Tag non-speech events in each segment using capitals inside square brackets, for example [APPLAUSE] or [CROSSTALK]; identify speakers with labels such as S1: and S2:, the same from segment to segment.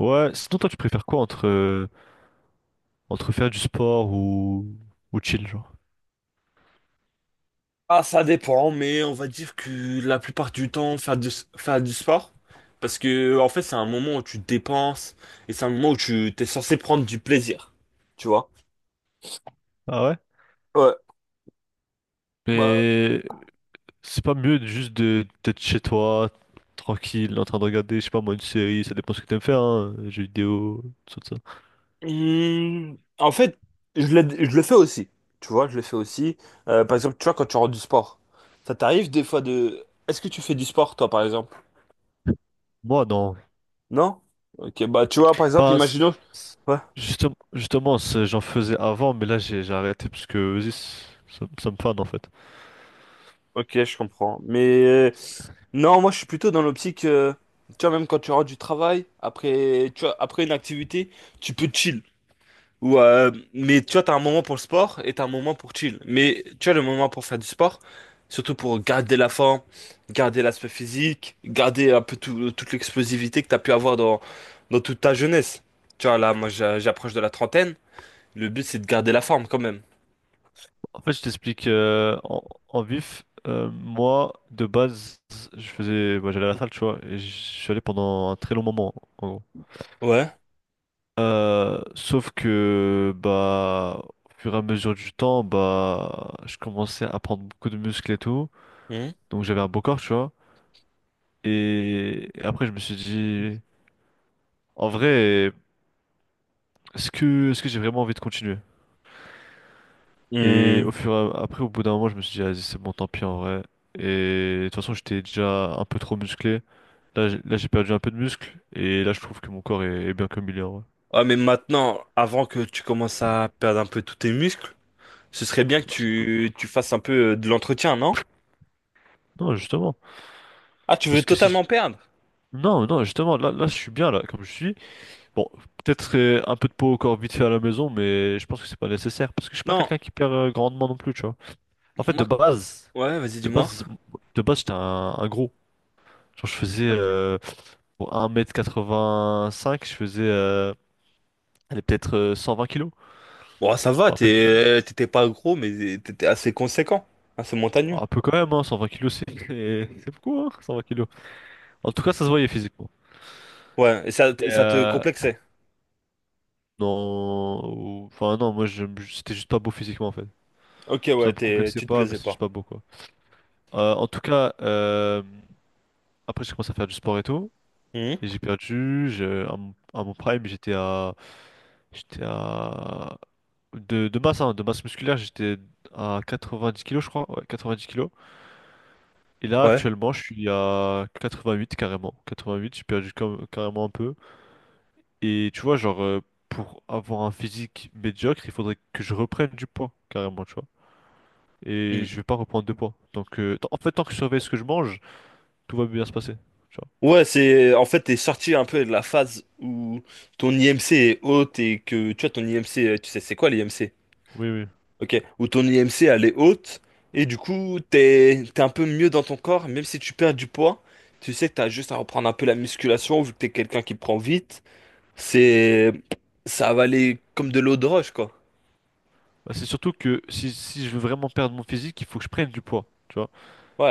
S1: Ouais, sinon toi tu préfères quoi entre, entre faire du sport ou, chill, genre?
S2: Ah, ça dépend, mais on va dire que la plupart du temps, faire du sport, parce que en fait, c'est un moment où tu te dépenses et c'est un moment où tu t'es censé prendre du plaisir, tu vois.
S1: Ah ouais?
S2: Ouais, bah,
S1: Mais, c'est pas mieux de- juste de d'être chez toi, tranquille, en train de regarder, je sais pas moi, une série, ça dépend ce que t'aimes faire, hein, jeux vidéo, tout ça.
S2: en fait, je le fais aussi, tu vois, je le fais aussi. Par exemple, tu vois, quand tu rentres du sport, ça t'arrive des fois de... Est-ce que tu fais du sport, toi, par exemple?
S1: Moi, non.
S2: Non? Ok, bah, tu vois, par exemple,
S1: Enfin,
S2: imaginons...
S1: c-
S2: Ouais,
S1: justement, j'en faisais avant, mais là, j'ai arrêté parce que, vas-y, ça me fane, en fait.
S2: ok, je comprends. Mais non, moi je suis plutôt dans l'optique, tu vois, même quand tu rentres du travail, après, tu vois, après une activité, tu peux chill. Mais tu vois, t'as un moment pour le sport et t'as un moment pour chill. Mais tu as le moment pour faire du sport, surtout pour garder la forme, garder l'aspect physique, garder un peu toute l'explosivité que t'as pu avoir dans toute ta jeunesse. Tu vois, là, moi j'approche de la trentaine, le but c'est de garder la forme quand même.
S1: En fait, je t'explique en vif. Moi, de base, moi, j'allais à la salle, tu vois, et je suis allé pendant un très long moment, en gros.
S2: Ouais.
S1: Sauf que, bah, au fur et à mesure du temps, bah, je commençais à prendre beaucoup de muscles et tout,
S2: Mhm.
S1: donc j'avais un beau corps, tu vois. Et, après, je me suis dit, en vrai, est-ce que j'ai vraiment envie de continuer? Et
S2: Hmm.
S1: au fur et à, après, au bout d'un moment, je me suis dit, vas-y, c'est bon, tant pis, en vrai. Et de toute façon, j'étais déjà un peu trop musclé. Là, j'ai perdu un peu de muscle et là, je trouve que mon corps est bien comme il est, en vrai.
S2: Ah, mais maintenant, avant que tu commences à perdre un peu tous tes muscles, ce serait bien que
S1: Merci.
S2: tu fasses un peu de l'entretien, non?
S1: Non, justement.
S2: Ah, tu veux
S1: Parce que si.
S2: totalement perdre?
S1: Non, non, justement, je suis bien, là, comme je suis. Bon, peut-être un peu de peau au corps vite fait à la maison, mais je pense que c'est pas nécessaire. Parce que je suis pas
S2: Non,
S1: quelqu'un qui perd grandement non plus, tu vois. En fait,
S2: moi... Ouais, vas-y,
S1: de
S2: dis-moi.
S1: base, de base, j'étais un gros. Genre, je faisais
S2: Ok.
S1: bon, 1,85 m. Je faisais allez, peut-être 120 kilos.
S2: Bon, ça
S1: Je
S2: va,
S1: me rappelle plus.
S2: t'étais pas gros, mais t'étais assez conséquent, assez
S1: Bon,
S2: montagneux.
S1: un peu quand même, hein, 120 kilos, c'est [LAUGHS] c'est beaucoup, hein, 120 kilos. En tout cas, ça se voyait physiquement.
S2: Ouais, et ça,
S1: Et,
S2: ça te complexait.
S1: non, enfin non, c'était juste pas beau physiquement en fait.
S2: Ok,
S1: Ça
S2: ouais,
S1: me
S2: t'es,
S1: complexait
S2: tu te
S1: pas, mais
S2: plaisais
S1: c'est juste
S2: pas.
S1: pas beau quoi. En tout cas, après j'ai commencé à faire du sport et tout,
S2: Mhm.
S1: et j'ai perdu. À mon prime, j'étais à de masse, hein, de masse musculaire, j'étais à 90 kilos je crois, ouais, 90 kilos. Et là
S2: Ouais.
S1: actuellement, je suis à 88 carrément. 88, j'ai perdu carrément un peu. Et tu vois, genre, pour avoir un physique médiocre, il faudrait que je reprenne du poids, carrément, tu vois. Et
S2: Mhm.
S1: je vais pas reprendre de poids. Donc, en fait, tant que je surveille ce que je mange, tout va bien se passer, tu vois.
S2: Ouais, c'est... En fait, t'es sorti un peu de la phase où ton IMC est haute et que, tu vois, ton IMC, tu sais, c'est quoi l'IMC?
S1: Oui, oui.
S2: Ok, où ton IMC elle est haute et du coup t'es un peu mieux dans ton corps, même si tu perds du poids, tu sais que t'as juste à reprendre un peu la musculation vu que t'es quelqu'un qui prend vite, c'est ça va aller comme de l'eau de roche quoi.
S1: Bah, c'est surtout que si je veux vraiment perdre mon physique, il faut que je prenne du poids, tu vois.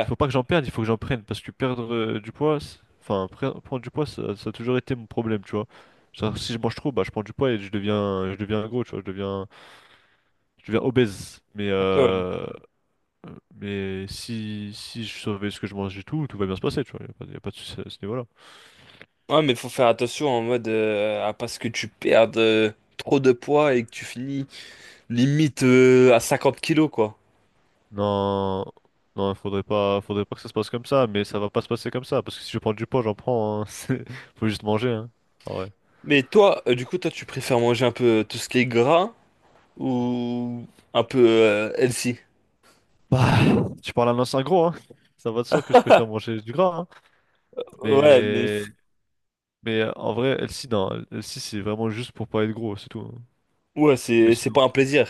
S1: Il faut pas que j'en perde, il faut que j'en prenne. Parce que perdre du poids, enfin, prendre du poids, ça a toujours été mon problème, tu vois. Genre, si je mange trop, bah, je prends du poids et je deviens gros, tu vois. Je deviens obèse. Mais,
S2: Ok, ouais.
S1: si je savais ce que je mangeais et tout, tout va bien se passer, tu vois. Il n'y a pas, y a pas de souci à ce niveau-là.
S2: Ouais, mais faut faire attention en mode à pas ce que tu perdes trop de poids et que tu finis limite à 50 kilos quoi.
S1: Non, non, il faudrait pas que ça se passe comme ça, mais ça va pas se passer comme ça, parce que si je prends du poids, j'en prends, hein. [LAUGHS] Faut juste manger, hein. Ah ouais.
S2: Mais toi, du coup toi tu préfères manger un peu tout ce qui est gras ou un peu healthy?
S1: Bah, tu parles à un ancien gros, hein. Ça va de soi que je préfère manger du gras, hein.
S2: Ouais, mais
S1: Mais, mais en vrai, LC, non. LC, c'est vraiment juste pour pas être gros, c'est tout, hein.
S2: ouais,
S1: Mais
S2: c'est
S1: sinon,
S2: pas un plaisir.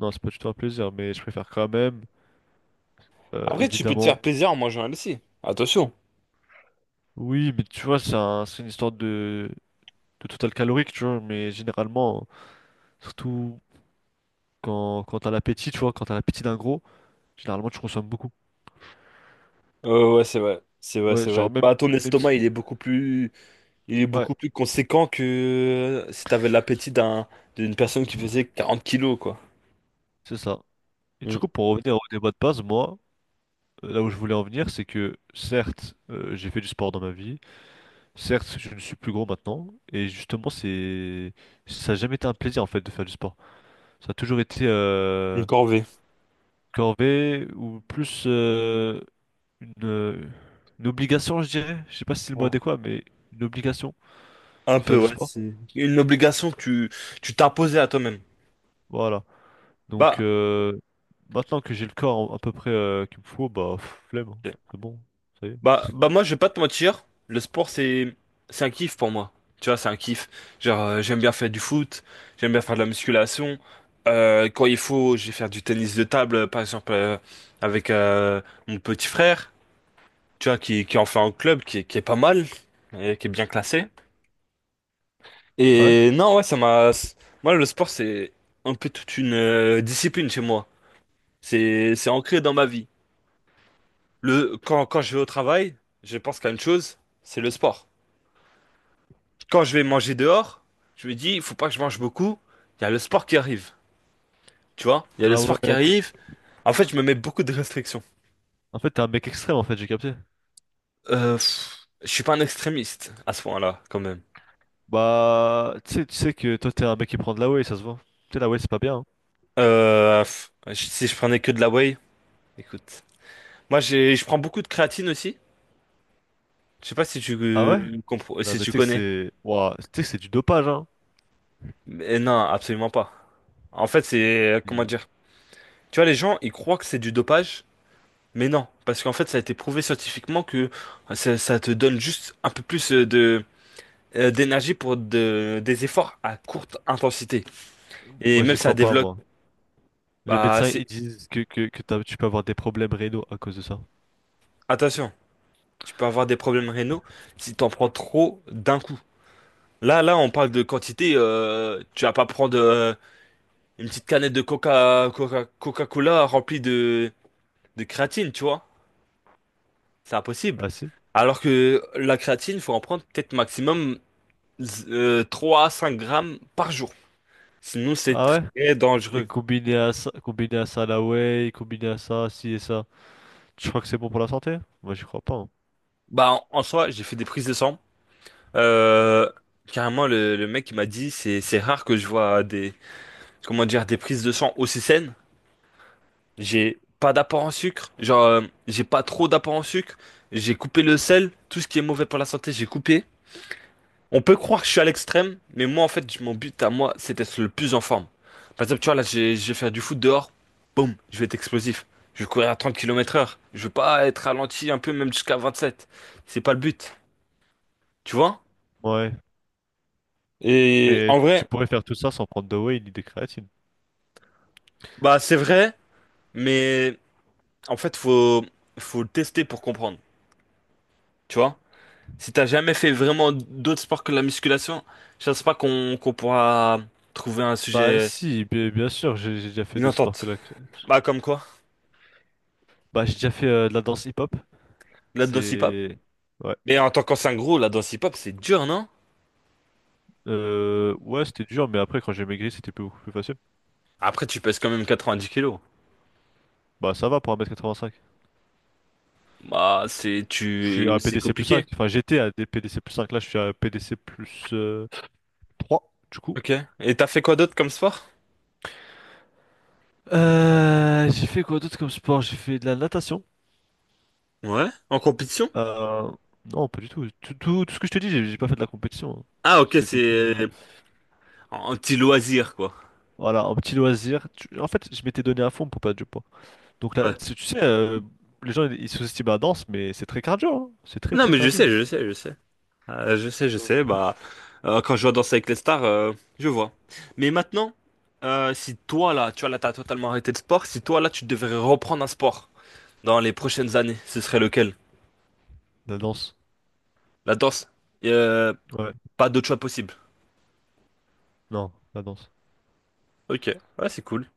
S1: non, c'est pas du tout un plaisir, mais je préfère quand même,
S2: Après, tu peux te faire
S1: évidemment.
S2: plaisir en mangeant un aussi. Attention.
S1: Oui, mais tu vois, c'est une histoire de total calorique, tu vois, mais généralement, surtout quand t'as l'appétit, tu vois, quand t'as l'appétit d'un gros, généralement tu consommes beaucoup.
S2: Ouais, c'est vrai. C'est vrai,
S1: Ouais,
S2: c'est vrai.
S1: genre
S2: Bah, ton
S1: même si.
S2: estomac, il est
S1: Ouais,
S2: beaucoup plus conséquent que si t'avais l'appétit d'une personne qui faisait 40 kilos, quoi.
S1: c'est ça. Et du
S2: Mm.
S1: coup, pour revenir au débat de base, moi, là où je voulais en venir, c'est que certes, j'ai fait du sport dans ma vie, certes, je ne suis plus gros maintenant, et justement, c'est. Ça n'a jamais été un plaisir en fait de faire du sport. Ça a toujours été
S2: Une corvée.
S1: corvée ou plus une, euh, une obligation, je dirais. Je sais pas si c'est le mot
S2: Ouais.
S1: adéquat, mais une obligation.
S2: Un peu,
S1: Faire du
S2: ouais.
S1: sport?
S2: C'est une obligation que tu t'imposais à toi-même.
S1: Voilà. Donc,
S2: Bah,
S1: maintenant que j'ai le corps à peu près qu'il me faut, bah, pff, flemme, hein. C'est bon, ça y est.
S2: bah moi, je vais pas te mentir, le sport, c'est un kiff pour moi. Tu vois, c'est un kiff. Genre, j'aime bien faire du foot, j'aime bien faire de la musculation. Quand il faut, je vais faire du tennis de table, par exemple, avec mon petit frère, tu vois, qui en fait un club, qui est pas mal, et qui est bien classé.
S1: Ah ouais?
S2: Et non, ouais, ça m'a... Moi, le sport, c'est un peu toute une discipline chez moi. C'est ancré dans ma vie. Quand je vais au travail, je pense qu'à une chose, c'est le sport. Quand je vais manger dehors, je me dis, il faut pas que je mange beaucoup. Il y a le sport qui arrive, tu vois. Il y a le
S1: Ah ouais,
S2: sport qui arrive. En fait, je me mets beaucoup de restrictions.
S1: en fait, t'es un mec extrême, en fait, j'ai capté.
S2: Je suis pas un extrémiste à ce point-là, quand même.
S1: Bah, tu sais que toi, t'es un mec qui prend de la whey, ça se voit. Tu sais, la whey, c'est pas bien, hein.
S2: Si je prenais que de la whey, écoute. Moi, je prends beaucoup de créatine aussi. Je sais pas si tu
S1: Ah ouais? Non,
S2: si
S1: mais
S2: tu
S1: tu sais que
S2: connais.
S1: c'est. Ouah, tu sais que c'est du dopage, hein.
S2: Mais non, absolument pas. En fait, c'est, comment
S1: Et
S2: dire? Tu vois, les gens, ils croient que c'est du dopage, mais non. Parce qu'en fait, ça a été prouvé scientifiquement que ça te donne juste un peu plus d'énergie pour des efforts à courte intensité. Et
S1: Moi,
S2: même
S1: j'y
S2: ça
S1: crois pas,
S2: développe.
S1: moi. Les
S2: Bah,
S1: médecins,
S2: c'est...
S1: ils disent que tu peux avoir des problèmes rénaux à cause de ça.
S2: Attention, tu peux avoir des problèmes rénaux si t'en prends trop d'un coup. Là, on parle de quantité. Tu vas pas prendre une petite canette de Coca-Cola remplie de créatine, tu vois. C'est impossible.
S1: Ah si?
S2: Alors que la créatine, faut en prendre peut-être maximum 3 à 5 grammes par jour. Sinon, c'est
S1: Ah ouais?
S2: très
S1: Et
S2: dangereux.
S1: combiné à ça, la whey, combiné à ça, ci et ça. Je crois que c'est bon pour la santé? Moi, j'y crois pas, hein.
S2: Bah, en en soi, j'ai fait des prises de sang. Euh, Carrément, le mec il m'a dit, c'est rare que je vois des comment dire des prises de sang aussi saines. J'ai pas d'apport en sucre, genre j'ai pas trop d'apport en sucre. J'ai coupé le sel, tout ce qui est mauvais pour la santé, j'ai coupé. On peut croire que je suis à l'extrême, mais moi en fait, mon but à moi, c'est d'être le plus en forme. Par exemple, tu vois là, je vais faire du foot dehors, boum, je vais être explosif. Je vais courir à 30 kilomètres heure. Je veux pas être ralenti un peu, même jusqu'à 27. C'est pas le but, tu vois?
S1: Ouais,
S2: Et
S1: mais
S2: en
S1: tu
S2: vrai,
S1: pourrais faire tout ça sans prendre de whey ni de créatine.
S2: bah c'est vrai. Mais en fait, faut le tester pour comprendre. Tu vois? Si t'as jamais fait vraiment d'autres sports que la musculation, je pense pas qu'on pourra trouver un
S1: Bah
S2: sujet,
S1: si, bien sûr, j'ai déjà fait
S2: une
S1: d'autres sports que
S2: entente.
S1: la créatine.
S2: Bah, comme quoi?
S1: Bah j'ai déjà fait de la danse hip-hop.
S2: La danse hip-hop?
S1: C'est. Ouais.
S2: Mais en tant qu'ancien gros, la danse hip-hop, c'est dur, non?
S1: Ouais, c'était dur, mais après, quand j'ai maigri, c'était beaucoup plus facile.
S2: Après, tu pèses quand même 90 kilos.
S1: Bah ça va pour 1,85 m.
S2: Bah, c'est,
S1: Je suis
S2: tu,
S1: à
S2: c'est
S1: PDC plus 5.
S2: compliqué.
S1: Enfin, j'étais à des PDC plus cinq. Là, je suis à PDC plus 3 du coup.
S2: Ok. Et t'as fait quoi d'autre comme sport?
S1: J'ai fait quoi d'autre comme sport? J'ai fait de la natation.
S2: Ouais. En compétition?
S1: Euh, non, pas du tout. Tout ce que je te dis, j'ai pas fait de la compétition, hein.
S2: Ah, ok,
S1: C'était que,
S2: c'est euh, un petit loisir, quoi.
S1: voilà, un petit loisir. En fait, je m'étais donné à fond pour perdre du poids. Donc là,
S2: Ouais.
S1: tu sais, les gens, ils sous-estiment la danse, mais c'est très cardio, hein. C'est très,
S2: Non,
S1: très
S2: mais je
S1: cardio.
S2: sais, je sais, je sais. Je sais, je sais. Bah, quand je vois Danser avec les stars, je vois. Mais maintenant, si toi là, tu vois là, t'as totalement arrêté le sport. Si toi là, tu devrais reprendre un sport dans les prochaines années, ce serait lequel?
S1: La danse.
S2: La danse. Euh,
S1: Ouais.
S2: Pas d'autre choix possible.
S1: Non, la danse.
S2: Ok, ouais, c'est cool.